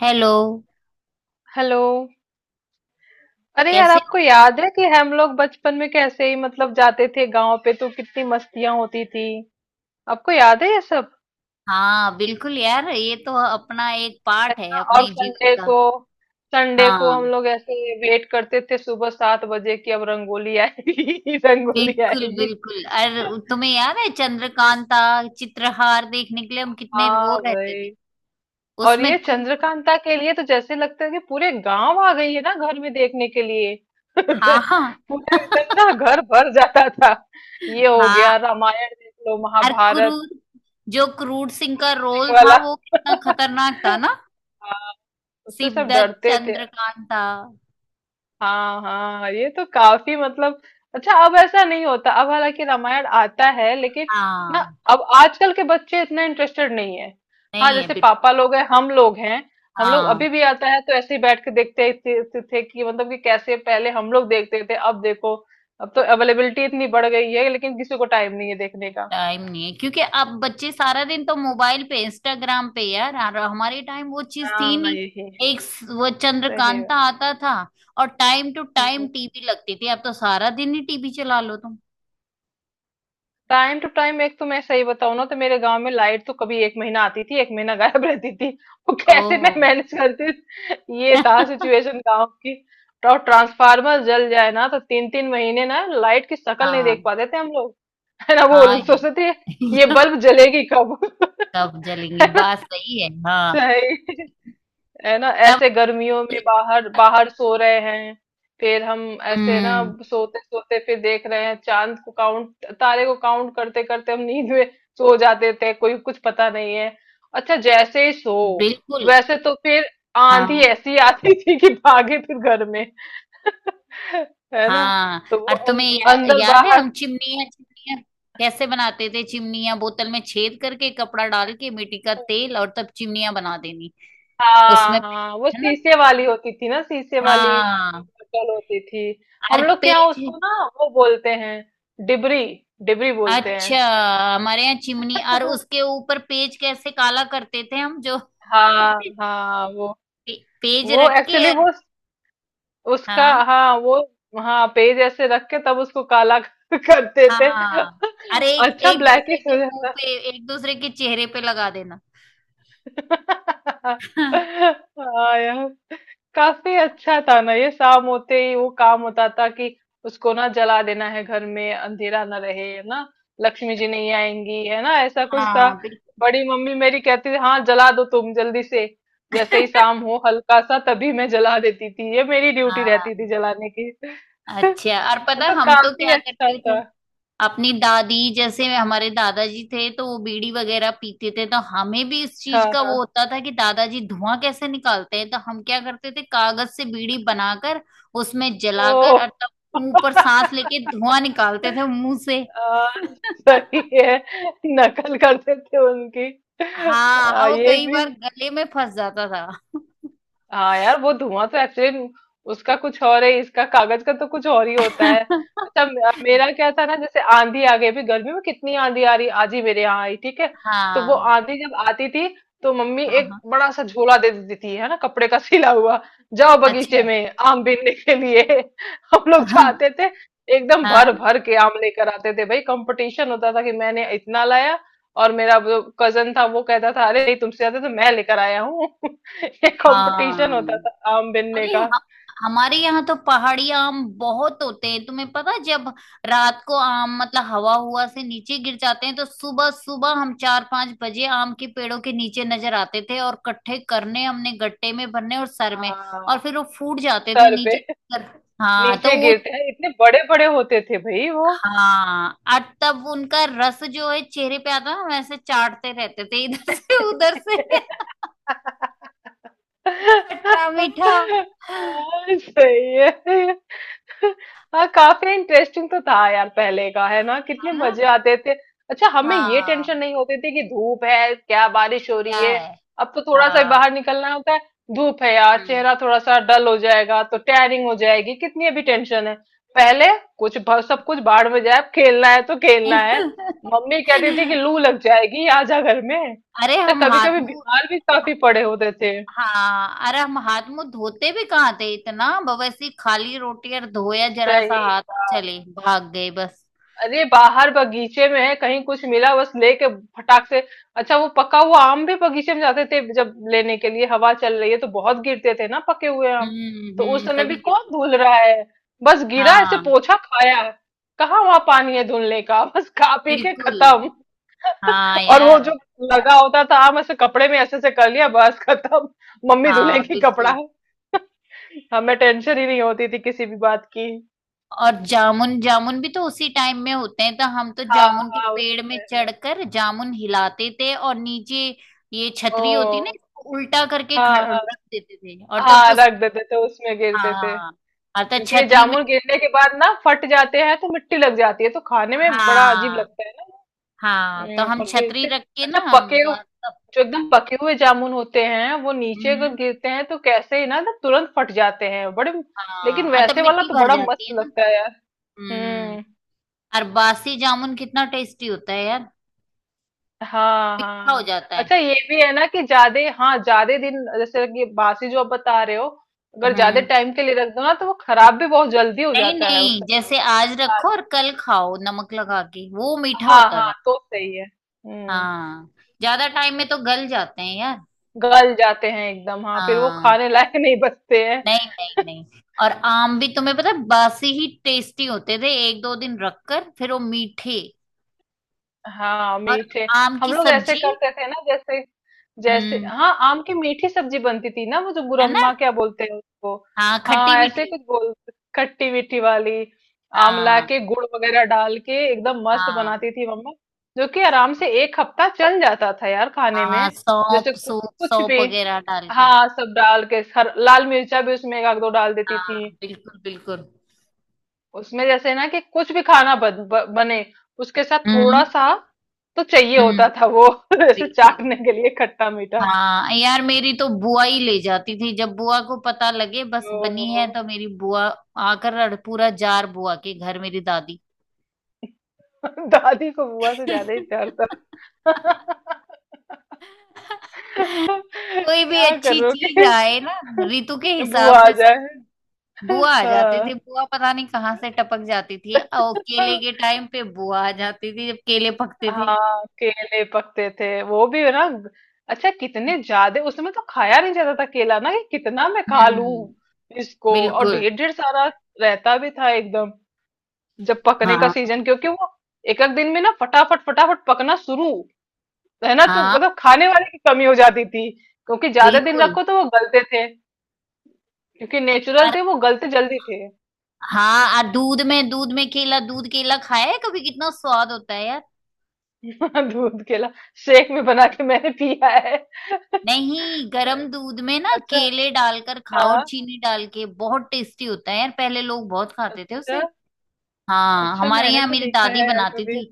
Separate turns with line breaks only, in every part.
Hello.
Hello. अरे यार,
कैसे हो?
आपको याद है कि हम लोग बचपन में कैसे ही जाते थे गांव पे, तो कितनी मस्तियां होती थी। आपको याद है ये सब?
हाँ, बिल्कुल यार, ये तो अपना एक
है
पार्ट है
ना। और
अपने जीवन
संडे
का।
को, संडे को हम
हाँ,
लोग ऐसे वेट करते थे सुबह सात बजे कि अब रंगोली आएगी। रंगोली
बिल्कुल
आएगी।
बिल्कुल और तुम्हें याद है चंद्रकांता? चित्रहार देखने के लिए हम कितने रो
हाँ
रहते थे।
भाई। और
उसमें
ये
कु-
चंद्रकांता के लिए तो जैसे लगता है कि पूरे गांव आ गई है ना घर में देखने के लिए।
हाँ, हाँ।
पूरा एकदम ना घर भर जाता था। ये हो
हाँ।
गया रामायण, देख लो
और
महाभारत
क्रूर, जो क्रूर सिंह का रोल था
वाला।
वो कितना खतरनाक था ना।
हाँ, उससे सब
सिद्धार्थ
डरते थे।
चंद्रकांता।
हाँ हाँ, ये तो काफी मतलब अच्छा, अब ऐसा नहीं होता। अब हालांकि रामायण आता है लेकिन ना,
हाँ।
अब आजकल के बच्चे इतना इंटरेस्टेड नहीं है। हाँ,
नहीं है
जैसे
बिल्कुल।
पापा लोग हैं, हम लोग हैं। हम लोग अभी
हाँ,
भी आता है तो ऐसे ही बैठ के देखते थे कि मतलब कि कैसे पहले हम लोग देखते थे, अब देखो, अब तो अवेलेबिलिटी इतनी बढ़ गई है लेकिन किसी को टाइम नहीं है देखने का।
टाइम नहीं है क्योंकि अब बच्चे सारा दिन तो मोबाइल पे इंस्टाग्राम पे यार, और हमारे टाइम वो चीज थी
हाँ
नहीं।
यही
वो
सही है।
चंद्रकांता आता था। और टाइम टू टाइम
हम्म।
टीवी लगती थी, अब तो सारा दिन ही टीवी चला लो तुम।
टाइम टू टाइम एक तो मैं सही बताऊं ना, तो मेरे गांव में लाइट तो कभी एक महीना आती थी, एक महीना गायब रहती थी। वो कैसे मैं
ओह।
मैनेज करती थी? ये था सिचुएशन गांव की। और ट्रांसफार्मर जल जाए ना, तो तीन तीन महीने ना लाइट की शक्ल नहीं देख
हाँ,
पाते थे हम लोग। है ना। वो
हाँ ये।
सोचते थे, ये बल्ब जलेगी कब।
तब जलेंगे,
है ना।
बात सही है हाँ।
सही। है ना,
तब।
ऐसे गर्मियों में बाहर बाहर सो रहे हैं, फिर हम ऐसे ना
हम्म।
सोते सोते फिर देख रहे हैं चांद को, काउंट तारे को काउंट करते करते हम नींद में सो जाते थे, कोई कुछ पता नहीं है। अच्छा जैसे ही सो,
बिल्कुल।
वैसे तो फिर आंधी
हाँ,
ऐसी आती थी कि भागे फिर घर में, है ना।
हाँ।
तो
और
वो
तुम्हें या,
अंदर
याद है
बाहर।
हम चिमनियाँ चिमनियाँ कैसे बनाते थे? चिमनियाँ बोतल में छेद करके, कपड़ा डाल के मिट्टी का तेल, और तब चिमनियाँ बना देनी। उसमें,
हाँ, हाँ, वो
है ना।
शीशे वाली होती थी ना, शीशे वाली
हाँ।
बोतल होती थी।
और
हम लोग के यहाँ
पेज।
उसको ना वो बोलते हैं डिबरी। डिबरी बोलते हैं।
अच्छा, हमारे यहाँ चिमनी और उसके ऊपर पेज कैसे काला करते थे हम, जो
हाँ
पे-
हाँ वो
पेज
वो
रख के।
एक्चुअली वो उसका,
हाँ,
हाँ वो, हाँ पेज ऐसे रख के तब उसको काला करते थे।
हाँ। अरे, एक
अच्छा
एक दूसरे
ब्लैकिश
के
हो
मुंह
जाता।
पे, एक दूसरे के चेहरे पे लगा देना।
हाँ यार, काफी अच्छा था ना। ये शाम होते ही वो काम होता था कि उसको ना जला देना है, घर में अंधेरा ना रहे, है ना, लक्ष्मी जी नहीं आएंगी, है ना, ऐसा कुछ था।
हाँ, बिल्कुल।
बड़ी मम्मी मेरी कहती थी, हाँ जला दो तुम जल्दी से। जैसे ही शाम हो हल्का सा तभी मैं जला देती थी, ये मेरी ड्यूटी रहती थी
हाँ।
जलाने की।
अच्छा, और
ये
पता
तो
हम तो
काफी
क्या
अच्छा
करते थे?
था।
अपनी दादी, जैसे हमारे दादाजी थे तो वो बीड़ी वगैरह पीते थे, तो हमें भी इस चीज
हाँ
का वो
हाँ।
होता था कि दादाजी धुआं कैसे निकालते हैं, तो हम क्या करते थे, कागज से बीड़ी बनाकर उसमें
ओ।
जलाकर, और तब मुंह पर सांस लेके धुआं निकालते थे मुंह से।
आ, सही है। नकल करते थे उनकी।
हाँ, और वो
ये
कई
भी।
बार गले में फंस जाता था।
हाँ यार, वो धुआं तो एक्चुअली उसका कुछ और है, इसका कागज का तो कुछ और ही होता है। अच्छा, मेरा क्या था ना, जैसे आंधी आ गई अभी गर्मी में, कितनी आंधी आ रही, आज ही मेरे यहाँ आई, ठीक है। तो वो
हाँ,
आंधी जब आती थी तो मम्मी
हाँ,
एक
हाँ।
बड़ा सा झोला दे देती थी, है ना, कपड़े का सिला हुआ। जाओ बगीचे
अच्छा।
में आम बीनने के लिए। हम लोग
हाँ,
जाते थे। एकदम
हाँ,
भर भर के आम लेकर आते थे भाई, कंपटीशन होता था कि मैंने इतना लाया। और मेरा जो कजन था वो कहता था, अरे नहीं तुमसे ज्यादा तो मैं लेकर आया हूँ। ये कंपटीशन
हाँ।
होता था आम बिनने
अरे
का।
ह- हमारे यहाँ तो पहाड़ी आम बहुत होते हैं, तुम्हें पता है, जब रात को आम मतलब हवा हुआ से नीचे गिर जाते हैं तो सुबह सुबह हम 4-5 बजे आम के पेड़ों के नीचे नजर आते थे, और कट्ठे करने हमने गट्टे में भरने और सर में,
हाँ,
और फिर वो फूट जाते थे
सर पे
नीचे गिर कर। हाँ, तो
नीचे
वो,
गिरते हैं, इतने बड़े बड़े होते थे भाई वो।
हाँ, और तब उनका रस जो है चेहरे पे आता, हम ऐसे चाटते रहते थे इधर से उधर से। खट्टा मीठा
हाँ,
है
सही है। हाँ काफी इंटरेस्टिंग तो था यार पहले का, है ना, कितने
ना।
मजे आते थे। अच्छा, हमें ये
हाँ।
टेंशन नहीं होती थी कि धूप है, क्या बारिश हो रही
क्या
है।
है।
अब तो थोड़ा सा
हाँ।
बाहर निकलना होता है, धूप है यार,
हम्म,
चेहरा थोड़ा सा डल हो जाएगा, तो टैनिंग हो जाएगी, कितनी अभी टेंशन है। पहले कुछ सब कुछ बाहर में जाए, अब खेलना है तो खेलना है।
हम्म।
मम्मी कहती थी कि लू लग जाएगी, आ जा घर में।
अरे
अच्छा,
हम
कभी
हाथ
कभी
मुंह,
बीमार भी काफी पड़े होते थे।
हाँ, अरे हम हाथ मुंह धोते भी कहाँ थे, इतना बवैसी खाली रोटी और धोया जरा सा
सही
हाथ और
बात।
चले भाग गए बस।
अरे बाहर बगीचे में है कहीं, कुछ मिला बस लेके फटाक से। अच्छा वो पका हुआ आम भी बगीचे में जाते थे जब लेने के लिए, हवा चल रही है तो बहुत गिरते थे ना पके हुए आम।
हम्म,
तो उस
हम्म,
समय
तभी
भी कौन
कितनी।
धुल रहा है, बस गिरा ऐसे
हाँ,
पोछा खाया। कहाँ वहां पानी है धुलने का। बस खा पी के
बिल्कुल।
खत्म।
हाँ
और वो जो
यार।
लगा होता था आम ऐसे कपड़े में ऐसे ऐसे कर लिया, बस खत्म। मम्मी
हाँ,
धुलेंगी कपड़ा,
बिल्कुल।
हमें टेंशन ही नहीं होती थी किसी भी बात की।
और जामुन, जामुन भी तो उसी टाइम में होते हैं, तो हम तो
हाँ
जामुन के
हाँ उसी
पेड़ में
टाइम में।
चढ़कर जामुन हिलाते थे, और नीचे ये
ओ,
छतरी होती ना, इसको उल्टा करके
हाँ
रख
हाँ।
देते थे, और तब
हाँ
उस,
रख देते थे, उसमें गिरते थे।
हाँ, अर्थात
क्योंकि ये
छतरी में।
जामुन गिरने के बाद ना फट जाते हैं, तो मिट्टी लग जाती है, तो खाने में बड़ा अजीब
हाँ,
लगता है ना।
हाँ, तो हम
और
छतरी
गिरते।
रख के ना
अच्छा,
हम तब।
जो एकदम पके हुए जामुन होते हैं वो नीचे अगर
हम्म।
गिरते हैं तो कैसे ही ना ना तुरंत फट जाते हैं बड़े। लेकिन
हाँ, तब
वैसे वाला
मिट्टी
तो
भर
बड़ा
जाती
मस्त
है ना।
लगता है यार।
हम्म।
हम्म।
और बासी जामुन कितना टेस्टी होता है यार,
हाँ
मीठा हो
हाँ।
जाता है।
अच्छा ये भी है ना कि ज्यादा, हाँ ज्यादा दिन, जैसे कि बासी जो आप बता रहे हो, अगर ज्यादा
हम्म।
टाइम के लिए रख दो ना, तो वो खराब भी बहुत जल्दी हो
नहीं
जाता है। उस,
नहीं, जैसे आज रखो और कल खाओ, नमक लगा के वो मीठा
हाँ,
होता
हाँ,
था।
तो सही है। हुँ,
हाँ, ज्यादा टाइम में तो गल जाते हैं यार।
गल जाते हैं एकदम, हाँ, फिर वो
हाँ,
खाने लायक नहीं बचते हैं।
नहीं नहीं नहीं, और आम भी तुम्हें पता है, बासी ही टेस्टी होते थे, एक दो दिन रखकर फिर वो मीठे।
हाँ,
और
मीठे।
आम
हम
की
लोग ऐसे
सब्जी।
करते थे ना, जैसे जैसे,
हम्म,
हाँ, आम की मीठी सब्जी बनती थी ना, वो जो
है ना।
गुरम्मा क्या बोलते हैं उसको?
हाँ, खट्टी
हाँ, ऐसे
मीठी।
कुछ बोल, खट्टी-मीठी वाली। आम
हाँ,
लाके गुड़ वगैरह डाल के एकदम मस्त
हाँ,
बनाती थी मम्मा, जो कि आराम से 1 हफ्ता चल जाता था यार खाने
हाँ,
में। जैसे
सौंप
कु
सूप
कुछ
सौंप
भी,
वगैरह डाल के।
हाँ, सब डाल के, हर लाल मिर्चा भी उसमें 1 आध 2 डाल देती
हाँ,
थी।
बिल्कुल बिल्कुल।
उसमें जैसे ना कि कुछ भी खाना बने, उसके साथ थोड़ा
हम्म,
सा तो चाहिए
हम्म,
होता था वो। जैसे
बिल्कुल।
चाटने के लिए खट्टा मीठा,
हाँ यार, मेरी तो बुआ ही ले जाती थी, जब बुआ को पता लगे बस बनी है
तो
तो मेरी बुआ आकर पूरा जार बुआ के घर, मेरी दादी।
दादी को बुआ से ज्यादा ही प्यार था।
कोई भी
क्या
अच्छी चीज
करोगे।
आए ना, ऋतु के हिसाब
बुआ आ
से, सच
जाए।
में। बुआ आ जाती थी,
हाँ
बुआ पता नहीं कहाँ से टपक जाती थी, और केले के टाइम पे बुआ आ जाती थी जब केले पकते थे।
हाँ, केले पकते थे वो भी है ना। अच्छा कितने ज्यादा उसमें तो खाया नहीं जाता था केला ना, कि कितना मैं खा लूं
हम्म,
इसको, और
बिल्कुल।
ढेर ढेर सारा रहता भी था एकदम, जब पकने का
हाँ,
सीजन, क्योंकि वो एक एक दिन में ना फटाफट फटाफट पकना शुरू, है ना, तो
हाँ,
मतलब खाने वाले की कमी हो जाती थी। क्योंकि ज्यादा दिन
बिल्कुल।
रखो तो वो गलते थे, क्योंकि नेचुरल
और
थे वो, गलते जल्दी थे।
हाँ, और दूध में केला, दूध केला खाया है कभी? कितना स्वाद होता है यार।
दूध केला शेक में बना के मैंने पिया है।
नहीं, गरम दूध में ना
अच्छा।
केले डालकर खाओ और
हाँ।
चीनी डाल के, बहुत टेस्टी होता है यार, पहले लोग बहुत खाते थे उसे।
अच्छा।
हाँ,
अच्छा
हमारे
मैंने
यहाँ
तो
मेरी
नहीं
दादी
खाया यार
बनाती
कभी।
थी।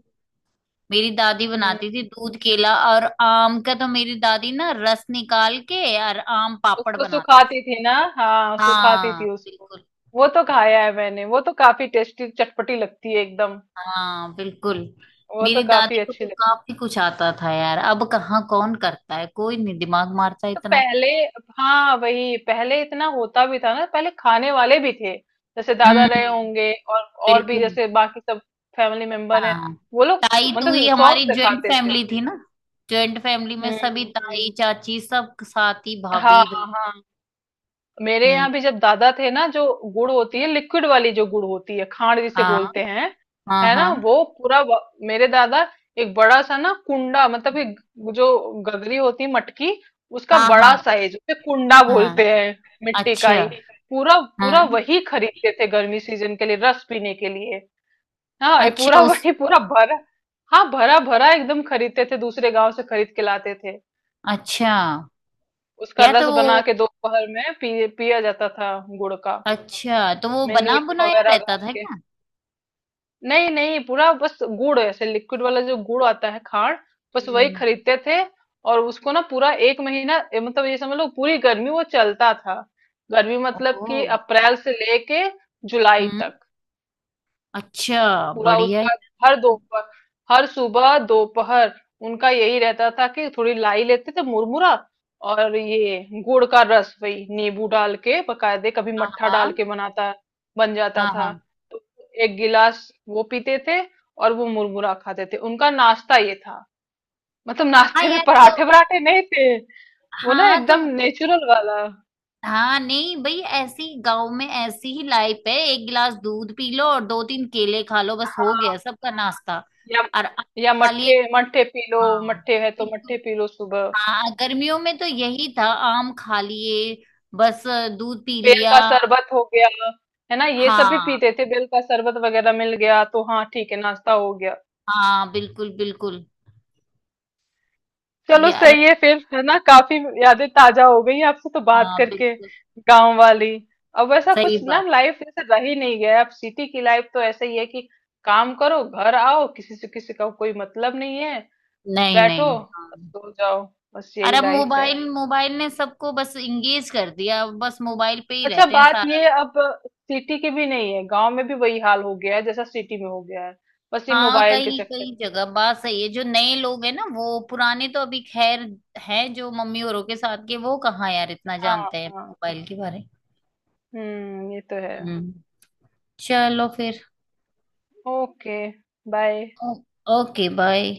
मेरी दादी
हम्म,
बनाती थी दूध केला, और आम का तो मेरी दादी ना रस निकाल के और आम पापड़
उसको
बनाती थी।
सुखाती थी ना, हाँ सुखाती
हाँ,
थी उसको।
बिल्कुल।
वो तो खाया है मैंने, वो तो काफी टेस्टी चटपटी लगती है एकदम।
हाँ, बिल्कुल।
वो तो
मेरी दादी
काफी
को
अच्छी
तो
लगती है।
काफी कुछ आता था यार, अब कहाँ कौन करता है, कोई नहीं दिमाग मारता
तो
इतना।
पहले, हाँ वही, पहले इतना होता भी था ना, पहले खाने वाले भी थे, जैसे दादा रहे
हम्म,
होंगे, और भी
बिल्कुल।
जैसे बाकी सब फैमिली मेंबर हैं,
हाँ,
वो लोग
ताई तुई,
मतलब शौक
हमारी
से
ज्वाइंट
खाते थे।
फैमिली थी ना, ज्वाइंट फैमिली में सभी
हम्म।
ताई
हम्म।
चाची सब साथी
हाँ।
भाभी भाई।
हाँ। मेरे
हम्म।
यहाँ भी जब दादा थे ना, जो गुड़ होती है लिक्विड वाली, जो गुड़ होती है, खांड जिसे
हाँ,
बोलते हैं,
हाँ,
है ना,
हाँ,
वो पूरा मेरे दादा, एक बड़ा सा ना कुंडा, मतलब एक, जो गगरी होती है, मटकी, उसका
हाँ, हाँ,
बड़ा
हाँ,
साइज उसे कुंडा
हाँ।
बोलते हैं, मिट्टी का ही,
अच्छा।
पूरा पूरा
हाँ।
वही खरीदते थे गर्मी सीजन के लिए रस पीने के लिए। हाँ ये
अच्छा।
पूरा,
हाँ उस।
वही पूरा भरा, हाँ, भरा भरा एकदम खरीदते थे, दूसरे गांव से खरीद के लाते थे।
अच्छा।
उसका
या तो
रस
हाँ,
बना
वो,
के दोपहर में पिया जाता था गुड़ का,
अच्छा तो वो
उसमें
बना
नींबू
बुनाया
वगैरह
रहता
गाड़
था
के।
क्या?
नहीं नहीं, पूरा बस गुड़ ऐसे लिक्विड वाला, जो गुड़ आता है खांड, बस वही
हम्म।
खरीदते थे। और उसको ना पूरा एक महीना मतलब ये समझ लो पूरी गर्मी वो चलता था। गर्मी मतलब कि
ओ।
अप्रैल से लेके जुलाई
हम्म।
तक,
अच्छा,
पूरा
बढ़िया है।
उसका। हर दोपहर, हर सुबह दोपहर उनका यही रहता था कि थोड़ी लाई लेते थे, मुरमुरा, और ये गुड़ का रस, वही नींबू डाल के बकायदे, कभी
हाँ,
मट्ठा डाल
हाँ,
के बनाता, बन जाता
हाँ,
था।
हाँ,
तो एक गिलास वो पीते थे और वो मुरमुरा खाते थे, उनका नाश्ता ये था। मतलब
हाँ
नाश्ते में
यार, तो
पराठे वराठे नहीं थे, वो ना
हाँ,
एकदम
तो
नेचुरल वाला।
हाँ, नहीं भाई, ऐसी गांव में ऐसी ही लाइफ है, एक गिलास दूध पी लो और दो तीन केले खा लो, बस
हाँ
हो गया सबका
हाँ।
नाश्ता।
या
और आप
या
खाली एक,
मट्ठे, मट्ठे पी लो।
हाँ,
मट्ठे है तो
बिल्कुल।
मट्ठे पी लो सुबह।
हाँ, गर्मियों में तो यही था, आम खा लिए बस, दूध पी
बेल
लिया।
का शरबत हो गया, है ना, ये सब भी
हाँ,
पीते थे, बेल का शरबत वगैरह मिल गया तो हाँ ठीक है, नाश्ता हो गया।
हाँ, बिल्कुल बिल्कुल
चलो
यार।
सही है फिर, है ना, काफी यादें ताजा हो गई आपसे तो बात
हाँ,
करके,
बिल्कुल।
गांव वाली। अब वैसा
सही
कुछ ना
बात।
लाइफ जैसे रह ही नहीं गया। अब सिटी की लाइफ तो ऐसे ही है कि काम करो, घर आओ, किसी से किसी का कोई मतलब नहीं है, बस
नहीं
बैठो,
नहीं
बस
हाँ।
सो जाओ, बस
और
यही
अब
लाइफ है।
मोबाइल मोबाइल ने सबको बस इंगेज कर दिया, अब बस मोबाइल पे ही
अच्छा,
रहते हैं
बात
सारा।
ये अब सिटी की भी नहीं है, गांव में भी वही हाल हो गया है जैसा सिटी में हो गया है, बस ये
हाँ,
मोबाइल के
कई
चक्कर
कई
में।
जगह बात सही है, जो नए लोग हैं ना वो, पुराने तो अभी खैर है, जो मम्मी औरों के साथ के वो कहाँ यार इतना
हाँ
जानते हैं
हाँ।
मोबाइल के
हाँ।
बारे में।
हम्म, ये तो है।
हम्म। चलो फिर।
Okay, bye.
ओ, ओके बाय।